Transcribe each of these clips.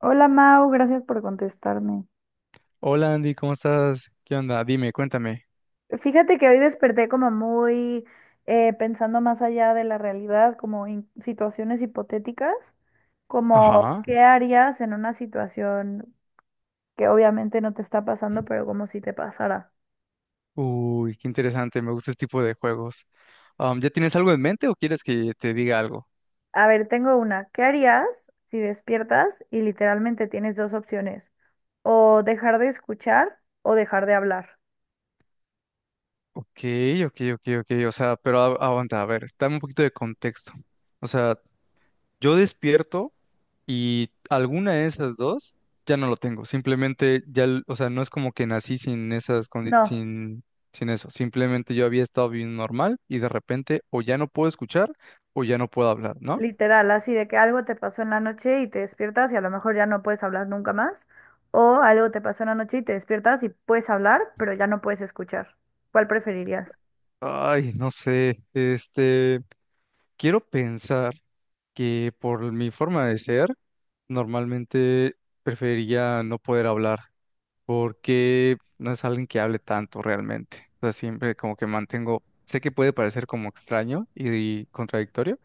Hola Mau, gracias por contestarme. Hola Andy, ¿cómo estás? ¿Qué onda? Dime, cuéntame. Fíjate que hoy desperté como muy pensando más allá de la realidad, como en situaciones hipotéticas, como Ajá. qué harías en una situación que obviamente no te está pasando, pero como si te pasara. Uy, qué interesante, me gusta este tipo de juegos. ¿Ya tienes algo en mente o quieres que te diga algo? A ver, tengo una. ¿Qué harías si despiertas y literalmente tienes dos opciones? O dejar de escuchar o dejar de hablar. Ok, ok. O sea, pero aguanta, a ver, dame un poquito de contexto. O sea, yo despierto y alguna de esas dos ya no lo tengo. Simplemente ya, o sea, no es como que nací sin esas, No. sin, sin eso. Simplemente yo había estado bien normal y de repente o ya no puedo escuchar o ya no puedo hablar, ¿no? Literal, así de que algo te pasó en la noche y te despiertas y a lo mejor ya no puedes hablar nunca más. O algo te pasó en la noche y te despiertas y puedes hablar, pero ya no puedes escuchar. ¿Cuál preferirías? Ay, no sé, quiero pensar que por mi forma de ser, normalmente preferiría no poder hablar, porque no es alguien que hable tanto realmente. O sea, siempre como que mantengo, sé que puede parecer como extraño y contradictorio,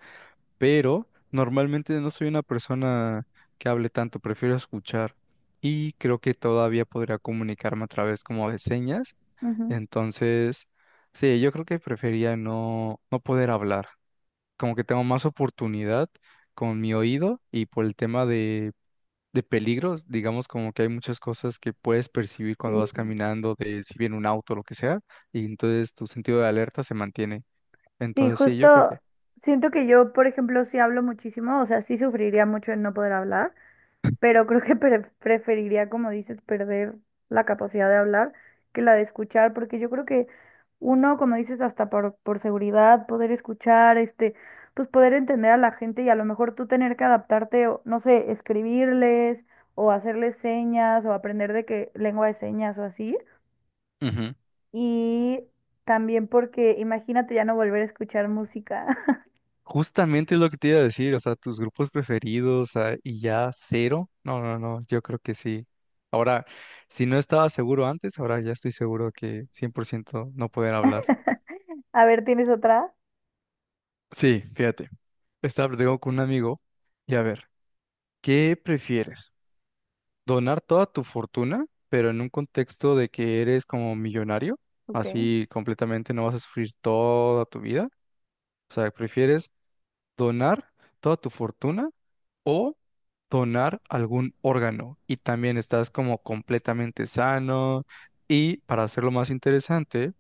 pero normalmente no soy una persona que hable tanto, prefiero escuchar y creo que todavía podría comunicarme a través como de señas, Ujú. entonces, sí, yo creo que prefería no poder hablar. Como que tengo más oportunidad con mi oído y por el tema de peligros, digamos como que hay muchas cosas que puedes percibir cuando vas Sí. caminando, de si viene un auto o lo que sea, y entonces tu sentido de alerta se mantiene. Sí, Entonces, sí, yo creo justo que. siento que yo, por ejemplo, sí hablo muchísimo, o sea, sí sufriría mucho en no poder hablar, pero creo que preferiría, como dices, perder la capacidad de hablar que la de escuchar, porque yo creo que uno, como dices, hasta por seguridad, poder escuchar, este, pues poder entender a la gente y a lo mejor tú tener que adaptarte, o, no sé, escribirles o hacerles señas o aprender de qué lengua de señas o así. Ujú. Y también porque imagínate ya no volver a escuchar música. Justamente es lo que te iba a decir, o sea, tus grupos preferidos ah, y ya cero. No, no, no, yo creo que sí. Ahora, si no estaba seguro antes, ahora ya estoy seguro que 100% no poder hablar. A ver, ¿tienes otra? Sí, fíjate, estaba platicando con un amigo y a ver, ¿qué prefieres? ¿Donar toda tu fortuna, pero en un contexto de que eres como millonario? Ok. Así completamente no vas a sufrir toda tu vida. O sea, ¿prefieres donar toda tu fortuna? O donar algún órgano y también estás como completamente sano y para hacerlo más interesante,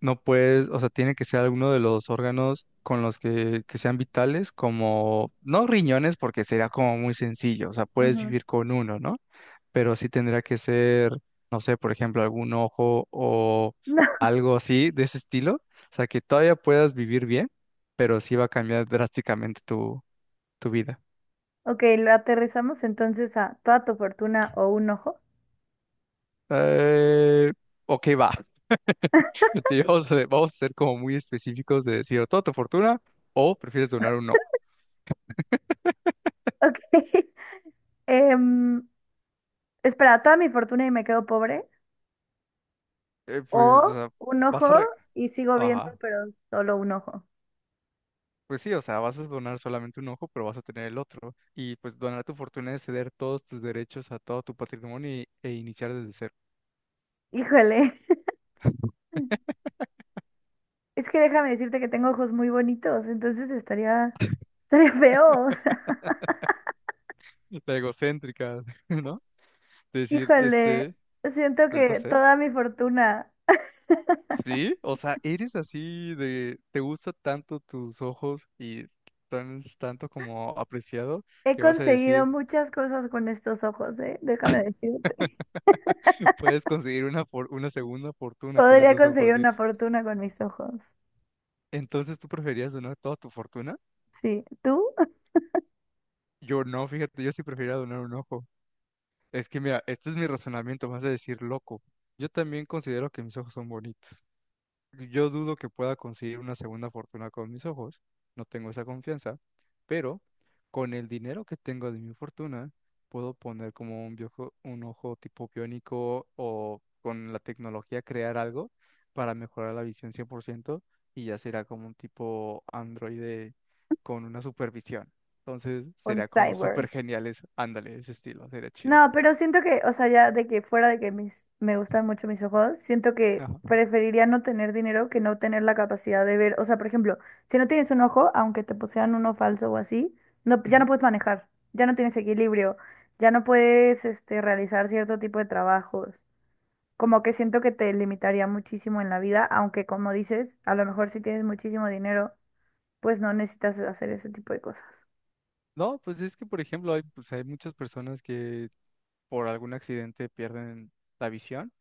no puedes, o sea, tiene que ser alguno de los órganos con los que sean vitales, como, no riñones porque sería como muy sencillo, o sea, puedes Ujú. vivir con uno, ¿no? Pero sí tendría que ser, no sé, por ejemplo, algún ojo o algo así de ese estilo, o sea, que todavía puedas vivir bien, pero sí va a cambiar drásticamente tu vida. Ok, lo aterrizamos entonces a toda tu fortuna o un ojo. Eh, ok, va. Sí, vamos a ser como muy específicos de decir o toda tu fortuna o prefieres donar un ojo. Ok. Em, espera, toda mi fortuna y me quedo pobre. Pues, o O sea, un vas a... ojo y sigo viendo, Ajá. pero solo un ojo. Pues sí, o sea, vas a donar solamente un ojo, pero vas a tener el otro. Y pues donar tu fortuna es ceder todos tus derechos a todo tu patrimonio e iniciar desde cero. Híjole. Es que déjame decirte que tengo ojos muy bonitos, entonces estaría feo. O sea, La egocéntrica, ¿no? Decir, híjole. Siento pues no que sé. toda mi fortuna. Sí, o sea, eres así de, te gusta tanto tus ojos y tanto como apreciado He que vas a conseguido decir, muchas cosas con estos ojos, ¿eh? Déjame decirte. puedes conseguir una segunda fortuna con Podría esos ojos, conseguir una dice. fortuna con mis ojos. Entonces, ¿tú preferías donar toda tu fortuna? Sí. ¿Tú? Yo no, fíjate, yo sí prefiero donar un ojo. Es que mira, este es mi razonamiento, vas a decir loco. Yo también considero que mis ojos son bonitos. Yo dudo que pueda conseguir una segunda fortuna con mis ojos, no tengo esa confianza, pero con el dinero que tengo de mi fortuna, puedo poner como un ojo tipo biónico o con la tecnología crear algo para mejorar la visión 100% y ya será como un tipo androide con una supervisión. Entonces Un sería como cyborg. súper genial eso. Ándale, ese estilo, sería chido. No, pero siento que, o sea, ya de que fuera de que me gustan mucho mis ojos, siento que Ajá. preferiría no tener dinero que no tener la capacidad de ver. O sea, por ejemplo, si no tienes un ojo, aunque te posean uno falso o así, no, ya no Ujú. puedes manejar, ya no tienes equilibrio, ya no puedes, este, realizar cierto tipo de trabajos. Como que siento que te limitaría muchísimo en la vida, aunque como dices, a lo mejor si tienes muchísimo dinero, pues no necesitas hacer ese tipo de cosas. No, pues es que, por ejemplo, hay, pues hay muchas personas que por algún accidente pierden la visión.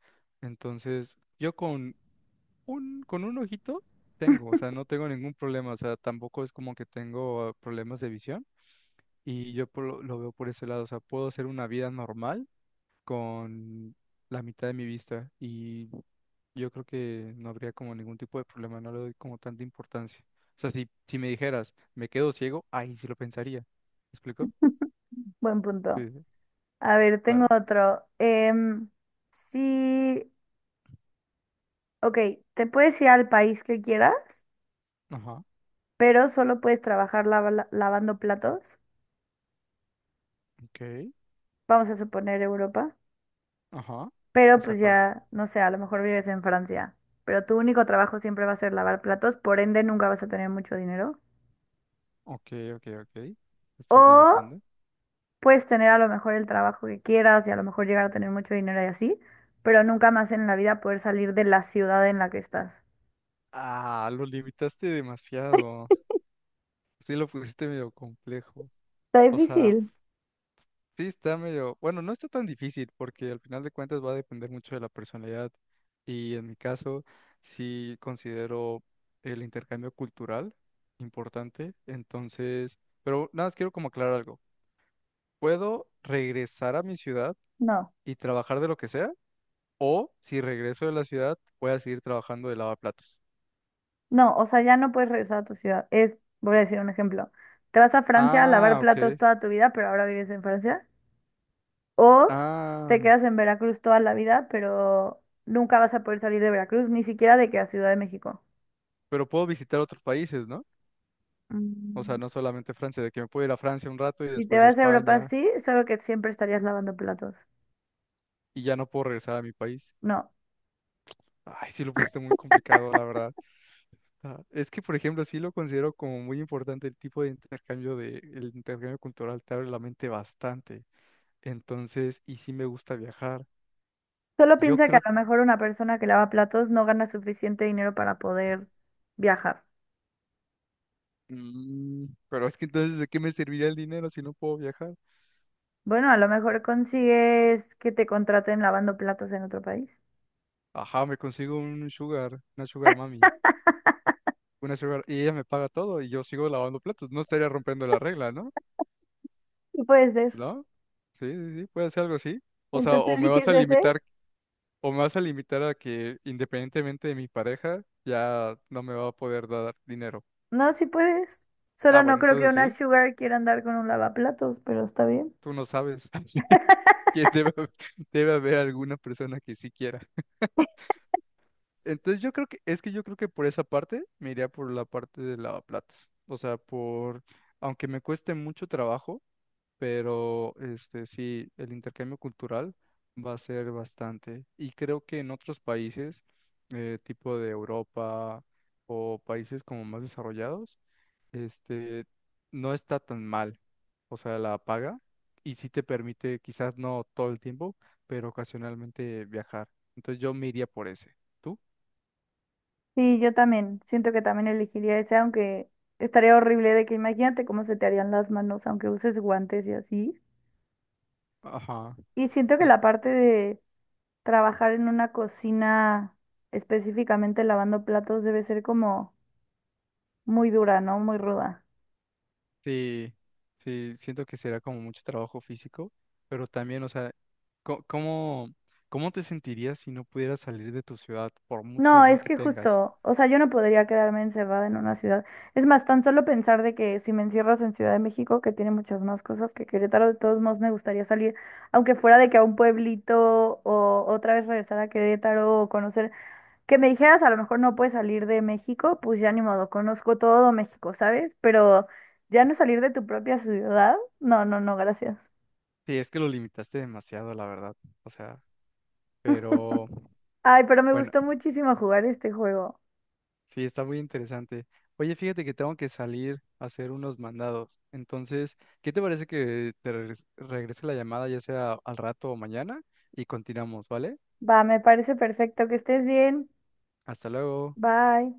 Entonces, yo con con un ojito tengo, o sea, no tengo ningún problema, o sea, tampoco es como que tengo problemas de visión y yo por lo veo por ese lado, o sea, puedo hacer una vida normal con la mitad de mi vista y yo creo que no habría como ningún tipo de problema, no le doy como tanta importancia. O sea, si me dijeras, me quedo ciego, ahí sí lo pensaría. ¿Me explico? Buen punto. Sí. Sí. Sí. A ver, A tengo ver. otro. Sí, ok, te puedes ir al país que quieras, Ajá, pero solo puedes trabajar lavando platos. ok, Vamos a suponer Europa, ajá. pero O sea, pues cualquier ya, no sé, a lo mejor vives en Francia, pero tu único trabajo siempre va a ser lavar platos, por ende nunca vas a tener mucho dinero. ok, Te estás O limitando. puedes tener a lo mejor el trabajo que quieras y a lo mejor llegar a tener mucho dinero y así, pero nunca más en la vida poder salir de la ciudad en la que estás. Ah, lo limitaste demasiado. Sí, lo pusiste medio complejo. Está O sea, difícil. sí está medio. Bueno, no está tan difícil porque al final de cuentas va a depender mucho de la personalidad. Y en mi caso, sí considero el intercambio cultural importante. Entonces, pero nada más quiero como aclarar algo. Puedo regresar a mi ciudad No. y trabajar de lo que sea, o si regreso de la ciudad, voy a seguir trabajando de lavaplatos. No, o sea, ya no puedes regresar a tu ciudad. Es, voy a decir un ejemplo. Te vas a Francia a lavar Ah, ok. platos toda tu vida, pero ahora vives en Francia. O te Ah, quedas en Veracruz toda la vida, pero nunca vas a poder salir de Veracruz, ni siquiera de que a Ciudad de México. pero puedo visitar otros países, ¿no? O sea, Mm, no solamente Francia, de que me puedo ir a Francia un rato y Si te después a vas a Europa, España sí, solo que siempre estarías lavando platos. y ya no puedo regresar a mi país. No. Ay, sí lo pusiste muy complicado, la verdad. Ah, es que, por ejemplo, sí lo considero como muy importante el tipo de intercambio de, el intercambio cultural te abre la mente bastante. Entonces, y sí me gusta viajar. Solo Yo piensa que a creo, lo mejor una persona que lava platos no gana suficiente dinero para poder viajar. Pero es que entonces, ¿de qué me serviría el dinero si no puedo viajar? Bueno, a lo mejor consigues que te contraten lavando platos en otro país. Ajá, me consigo un sugar, una sugar mami. Y ella me paga todo y yo sigo lavando platos. No estaría rompiendo la regla, ¿no? Y puede ser. ¿No? Sí, sí, sí, puede ser algo así. O sea, Entonces eliges ese. O me vas a limitar a que independientemente de mi pareja, ya no me va a poder dar dinero. No, si puedes. Ah, Solo no bueno, creo que entonces una sí, Sugar quiera andar con un lavaplatos, pero está bien. tú no sabes que debe haber alguna persona que sí quiera. Entonces yo creo que, es que yo creo que por esa parte me iría por la parte de lavaplatos. O sea, por, aunque me cueste mucho trabajo, pero este sí, el intercambio cultural va a ser bastante. Y creo que en otros países, tipo de Europa o países como más desarrollados, este no está tan mal. O sea, la paga y sí te permite, quizás no todo el tiempo, pero ocasionalmente viajar. Entonces yo me iría por ese. ¿Tú? Sí, yo también. Siento que también elegiría ese, aunque estaría horrible de que imagínate cómo se te harían las manos, aunque uses guantes y así. Ajá. Y siento que Y- la parte de trabajar en una cocina, específicamente lavando platos, debe ser como muy dura, ¿no? Muy ruda. Sí, sí, siento que será como mucho trabajo físico, pero también, o sea, ¿cómo, cómo te sentirías si no pudieras salir de tu ciudad por mucho No, dinero es que que tengas? justo, o sea, yo no podría quedarme encerrada en una ciudad. Es más, tan solo pensar de que si me encierras en Ciudad de México, que tiene muchas más cosas que Querétaro, de todos modos me gustaría salir, aunque fuera de que a un pueblito o otra vez regresar a Querétaro o conocer, que me dijeras a lo mejor no puedes salir de México, pues ya ni modo, conozco todo México, ¿sabes? Pero ya no salir de tu propia ciudad, no, no, no, gracias. Sí, es que lo limitaste demasiado, la verdad. O sea, pero Ay, pero me bueno, gustó muchísimo jugar este juego. sí, está muy interesante. Oye, fíjate que tengo que salir a hacer unos mandados. Entonces, ¿qué te parece que te regrese la llamada ya sea al rato o mañana y continuamos, ¿vale? Va, me parece perfecto, que estés bien. Hasta luego. Bye.